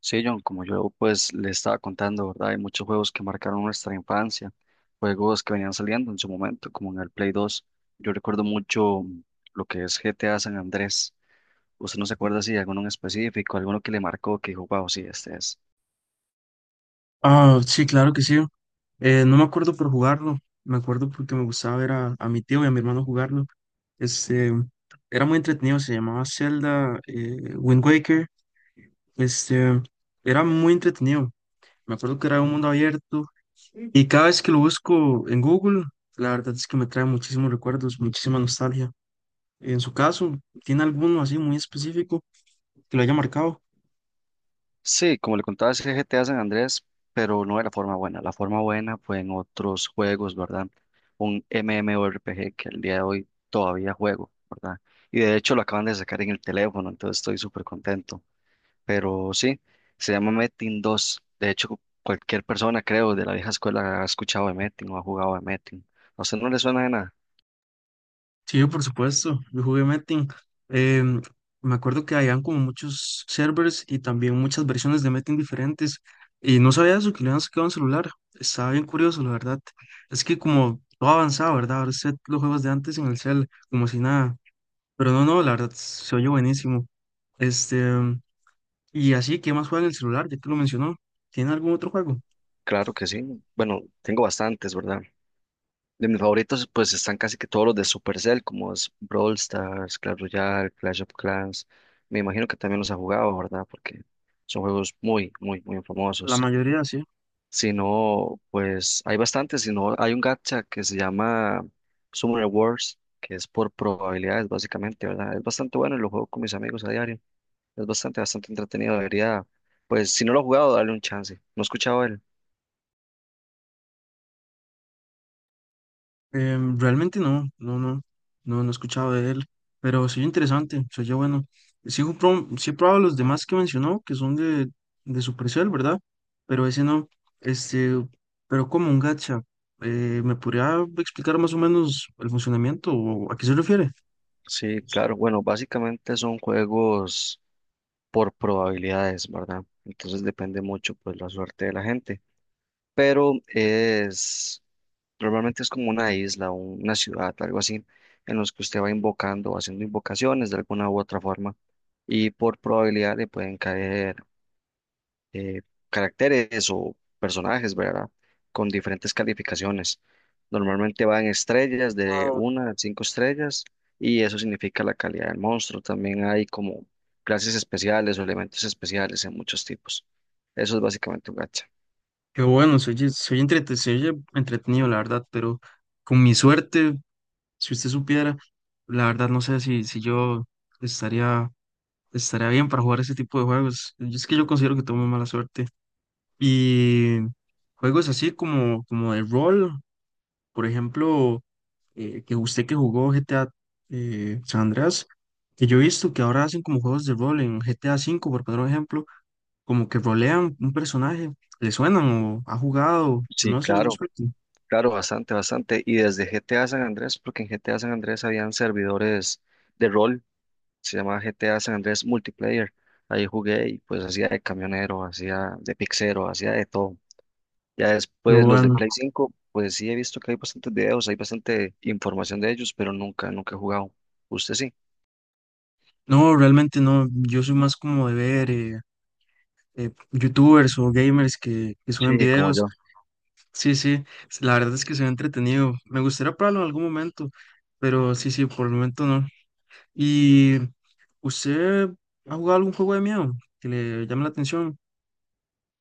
Sí, John, como yo pues le estaba contando, ¿verdad? Hay muchos juegos que marcaron nuestra infancia, juegos que venían saliendo en su momento, como en el Play 2. Yo recuerdo mucho lo que es GTA San Andrés. ¿Usted no se acuerda si de alguno en específico, alguno que le marcó, que dijo, wow, sí, este es? Ah, sí, claro que sí. No me acuerdo por jugarlo, me acuerdo porque me gustaba ver a mi tío y a mi hermano jugarlo. Este, Era muy entretenido, se llamaba Zelda, Wind Waker. Este, Era muy entretenido. Me acuerdo que era un mundo abierto y cada vez que lo busco en Google, la verdad es que me trae muchísimos recuerdos, muchísima nostalgia. En su caso, ¿tiene alguno así muy específico que lo haya marcado? Sí, como le contaba, es GTA San Andrés, pero no de la forma buena. La forma buena fue en otros juegos, ¿verdad? Un MMORPG que al día de hoy todavía juego, ¿verdad? Y de hecho lo acaban de sacar en el teléfono, entonces estoy súper contento. Pero sí, se llama Metin 2. De hecho, cualquier persona, creo, de la vieja escuela ha escuchado de Metin o ha jugado de Metin. ¿A usted no le suena de nada? Sí, por supuesto, yo jugué Metin. Em, Me acuerdo que habían como muchos servers y también muchas versiones de Metin diferentes. Y no sabía eso, que le habían sacado un celular. Estaba bien curioso, la verdad. Es que como todo avanzado, ¿verdad? Ahora sé los juegos de antes en el cel, como si nada. Pero no, la verdad, se oye buenísimo. Este, y así, ¿qué más juega en el celular? Ya que lo mencionó. ¿Tiene algún otro juego? Claro que sí. Bueno, tengo bastantes, ¿verdad? De mis favoritos, pues están casi que todos los de Supercell, como es Brawl Stars, Clash Royale, Clash of Clans. Me imagino que también los ha jugado, ¿verdad? Porque son juegos muy, muy, muy La famosos. mayoría, sí. Si no, pues hay bastantes. Si no, hay un gacha que se llama Summoner Wars, que es por probabilidades, básicamente, ¿verdad? Es bastante bueno y lo juego con mis amigos a diario. Es bastante, bastante entretenido. Debería, pues, si no lo he jugado, darle un chance. No he escuchado él. Realmente no, he escuchado de él, pero sí interesante, se oye bueno. Sí, sí he probado los demás que mencionó, que son de Supercell, ¿verdad? Pero ese no, este, pero como un gacha, ¿me podría explicar más o menos el funcionamiento o a qué se refiere? Sí, claro. Bueno, básicamente son juegos por probabilidades, ¿verdad? Entonces depende mucho, pues, la suerte de la gente. Pero es. Normalmente es como una isla, una ciudad, algo así, en los que usted va invocando o haciendo invocaciones de alguna u otra forma y por probabilidad le pueden caer eh, caracteres o personajes, ¿verdad? Con diferentes calificaciones. Normalmente van estrellas de Ah, una a cinco estrellas y eso significa la calidad del monstruo. También hay como clases especiales o elementos especiales en muchos tipos. Eso es básicamente un gacha. qué bueno, se oye entretenido, la verdad, pero con mi suerte, si usted supiera, la verdad no sé si yo estaría. Estaría bien para jugar ese tipo de juegos. Yo considero que tengo muy mala suerte. Y juegos así como de rol, por ejemplo, que usted que jugó GTA San Andreas, que yo he visto que ahora hacen como juegos de rol en GTA 5 por poner un ejemplo, como que rolean un personaje, le suenan o ha jugado, Sí, no sé, al claro. respecto. Claro, bastante, bastante. Y desde GTA San Andrés, porque en GTA San Andrés habían servidores de rol, se llamaba GTA San Andrés Multiplayer. Ahí jugué y pues hacía de camionero, hacía de pixero, hacía de todo. Ya Pero después los de bueno, Play 5, pues sí he visto que hay bastantes videos, hay bastante información de ellos, pero nunca, nunca he jugado. ¿Usted sí? no, realmente no, yo soy más como de ver youtubers o gamers que suben Sí, como videos. yo. Sí, sí, la verdad es que se ve entretenido. Me gustaría probarlo en algún momento, pero sí, sí, por el momento no. ¿Y usted ha jugado algún juego de miedo que le llame la atención?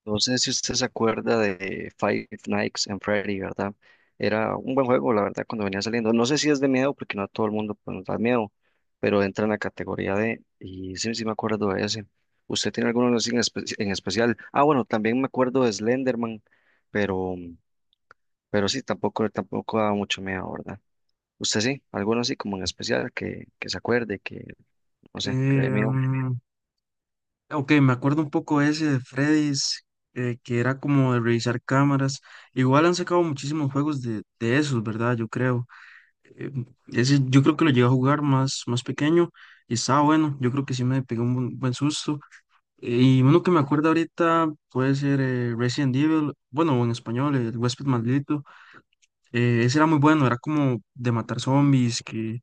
No sé si usted se acuerda de Five Nights and Freddy, ¿verdad? Era un buen juego, la verdad, cuando venía saliendo. No sé si es de miedo, porque no a todo el mundo pues, nos da miedo, pero entra en la categoría de, y sí, sí me acuerdo de ese. ¿Usted tiene alguno así en especial? Ah, bueno, también me acuerdo de Slenderman, pero, pero sí, tampoco, tampoco da mucho miedo, ¿verdad? ¿Usted sí? ¿Alguno así como en especial que se acuerde, que, no Eh, sé, que le dé miedo? mm, ok, me acuerdo un poco ese de Freddy's, que era como de revisar cámaras. Igual han sacado muchísimos juegos de, esos, ¿verdad? Yo creo. Eh, Ese yo creo que lo llegué a jugar más, más pequeño y estaba bueno. Yo creo que sí me pegó un buen susto. Y uno que me acuerdo ahorita puede ser Resident Evil, bueno, en español, el huésped maldito. Ese era muy bueno, era como de matar zombies, que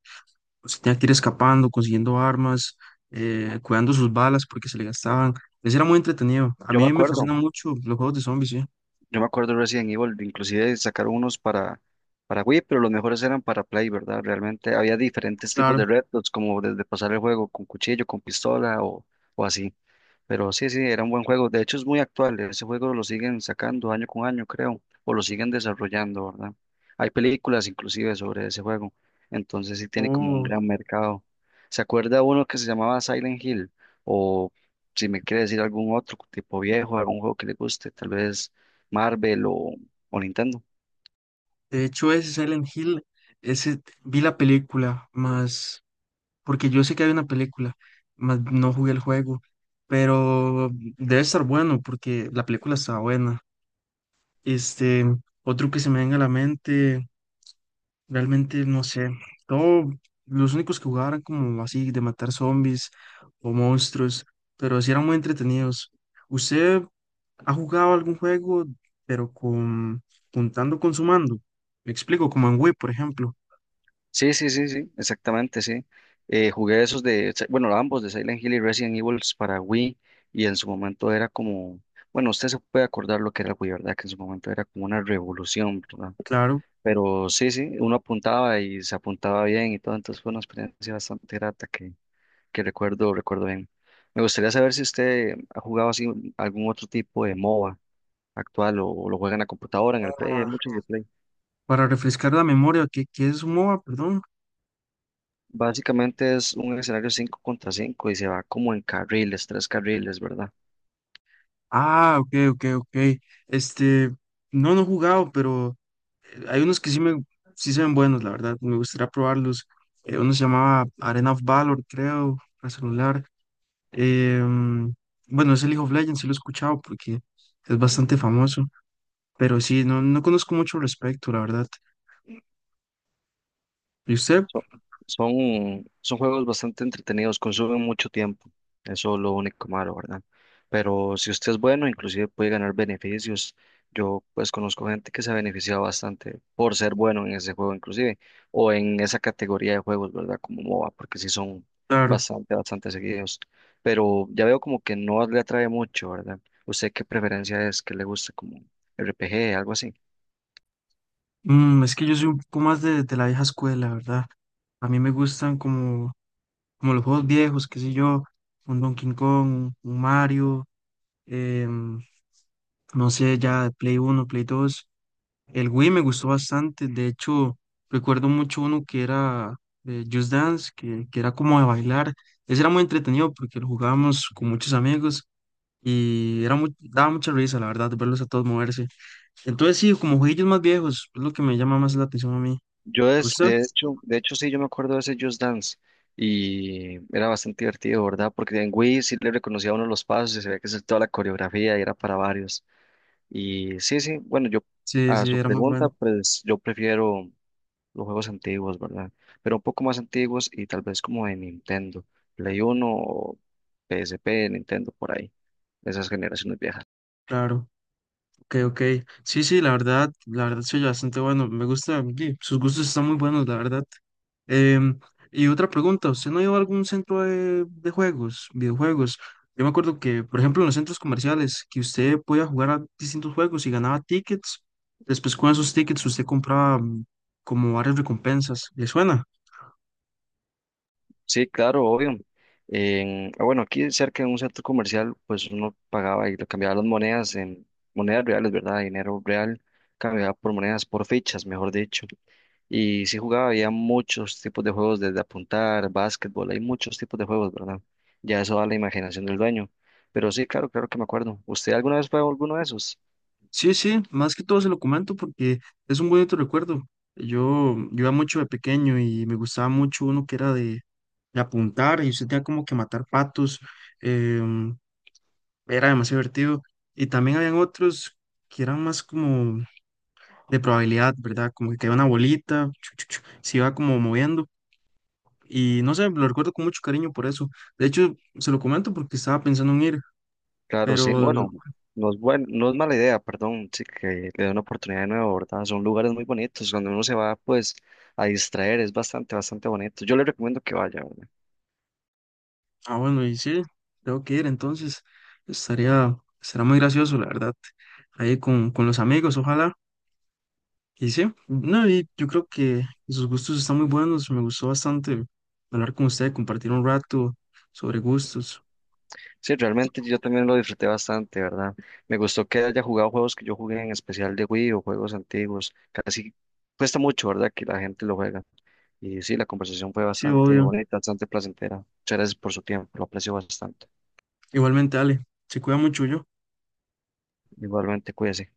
pues, tenía que ir escapando, consiguiendo armas, cuidando sus balas porque se le gastaban. Ese era muy entretenido. A Yo me mí me acuerdo. fascinan mucho los juegos de zombies, sí, Yo me acuerdo de Resident Evil, inclusive sacaron unos para Wii, pero los mejores eran para Play, ¿verdad? Realmente había diferentes tipos claro. de retos, como desde pasar el juego con cuchillo, con pistola o así. Pero sí, sí, era un buen juego. De hecho, es muy actual. Ese juego lo siguen sacando año con año, creo, o lo siguen desarrollando, ¿verdad? Hay películas inclusive sobre ese juego. Entonces sí tiene como un Oh, gran mercado. ¿Se acuerda uno que se llamaba Silent Hill? O si me quiere decir algún otro tipo viejo, algún juego que le guste, tal vez Marvel o Nintendo. de hecho, ese Silent Hill, ese vi la película, más porque yo sé que hay una película, mas no jugué el juego, pero debe estar bueno porque la película está buena. Este, Otro que se me venga a la mente, realmente no sé, todo, los únicos que jugaban eran como así de matar zombies o monstruos, pero sí eran muy entretenidos. ¿Usted ha jugado algún juego, pero con juntando con su mando? Me explico, como en Wii, por ejemplo. Sí, sí, sí, sí, exactamente, sí. Jugué esos de, Si- bueno, ambos de Silent Hill y Resident Evil para Wii y en su momento era como, bueno, usted se puede acordar lo que era el Wii, ¿verdad? Que en su momento era como una revolución, ¿verdad? Claro, Pero sí, sí, uno apuntaba y se apuntaba bien y todo, entonces fue una experiencia bastante grata que recuerdo, recuerdo bien. Me gustaría saber si usted ha jugado así algún otro tipo de MOBA actual o, lo juega en la computadora, en el Play, hay para muchos de Play. para refrescar la memoria, que es un MOBA, perdón. Básicamente es un escenario 5 contra 5 y se va como en carriles, tres carriles, ¿verdad? Ah, ok, ok, ok. Este, no, no he jugado, pero hay unos que sí sí se ven buenos, la verdad. Me gustaría probarlos. Uno se llamaba Arena of Valor, creo, para celular. Em, bueno, es el League of Legends, sí lo he escuchado porque es bastante famoso. Pero sí, no, no conozco mucho al respecto, la verdad. ¿Y usted? Son, son juegos bastante entretenidos, consumen mucho tiempo, eso es lo único malo, ¿verdad? Pero si usted es bueno, inclusive puede ganar beneficios. Yo pues conozco gente que se ha beneficiado bastante por ser bueno en ese juego inclusive, o en esa categoría de juegos, ¿verdad? Como MOBA, porque sí son Claro. bastante, bastante seguidos. Pero ya veo como que no le atrae mucho, ¿verdad? ¿Usted qué preferencia es? ¿Qué le gusta como RPG, algo así? Mm, es que yo soy un poco más de, la vieja escuela, ¿verdad? A mí me gustan como, como los juegos viejos, qué sé yo, un Donkey Kong, un Mario. em, no sé, ya Play 1 Play 2. El Wii me gustó bastante, de hecho, recuerdo mucho uno que era Just Dance, que era como de bailar. Ese era muy entretenido porque lo jugábamos con muchos amigos y era muy, daba mucha risa, la verdad, verlos a todos moverse. Entonces, sí, como jueguillos más viejos, es lo que me llama más la atención a mí. ¿A usted? De hecho sí, yo me acuerdo de ese Just Dance y era bastante divertido, ¿verdad? Porque en Wii sí le reconocía a uno los pasos y se veía que es toda la coreografía y era para varios. Y sí, sí, bueno, yo Sí, a sí, su era muy pregunta, bueno, pues yo prefiero los juegos antiguos, ¿verdad? Pero un poco más antiguos y tal vez como de Nintendo, Play 1 o PSP, Nintendo por ahí, esas generaciones viejas. claro. Ok, ok. Sí, sí, la verdad soy bastante bueno. Me gusta, sí, sus gustos están muy buenos, la verdad. Em, y otra pregunta, ¿usted no ha ido a algún centro de, juegos, videojuegos? Yo me acuerdo que, por ejemplo, en los centros comerciales, que usted podía jugar a distintos juegos y ganaba tickets. Después con esos tickets usted compraba como varias recompensas. ¿Le suena? Sí, claro, obvio. Ah, bueno, aquí cerca de un centro comercial, pues uno pagaba y lo cambiaba las monedas en monedas reales, ¿verdad? Dinero real, cambiaba por monedas, por fichas, mejor dicho. Y sí jugaba, había muchos tipos de juegos, desde apuntar, básquetbol, hay muchos tipos de juegos, ¿verdad? Ya eso da la imaginación del dueño. Pero sí, claro, claro que me acuerdo. ¿Usted alguna vez fue a alguno de esos? Sí, sí, más que todo se lo comento porque es un bonito recuerdo. Yo iba mucho de pequeño y me gustaba mucho uno que era de apuntar y usted tenía como que matar patos. em, Era demasiado divertido. Y también habían otros que eran más como de probabilidad, ¿verdad? Como que caía una bolita, chu, chu, chu, se iba como moviendo. Y no sé, lo recuerdo con mucho cariño por eso. De hecho, se lo comento porque estaba pensando en ir, Claro, pero, sí. Bueno, no es mala idea, perdón, sí, que le dé una oportunidad de nuevo, ¿verdad? Son lugares muy bonitos. Cuando uno se va, pues, a distraer, es bastante, bastante bonito. Yo le recomiendo que vaya, ¿verdad? ah, bueno, y sí, tengo que ir, entonces estaría, será muy gracioso, la verdad. Ahí con, los amigos, ojalá. Y sí, no, y yo creo que sus gustos están muy buenos. Me gustó bastante hablar con usted, compartir un rato sobre gustos. Sí, realmente yo también lo disfruté bastante, ¿verdad? Me gustó que haya jugado juegos que yo jugué en especial de Wii o juegos antiguos. Casi cuesta mucho, ¿verdad? Que la gente lo juega. Y sí, la conversación fue Sí, bastante obvio. bonita, bastante placentera. Muchas gracias por su tiempo, lo aprecio bastante. Igualmente, Ale, se cuida mucho yo. Igualmente, cuídese.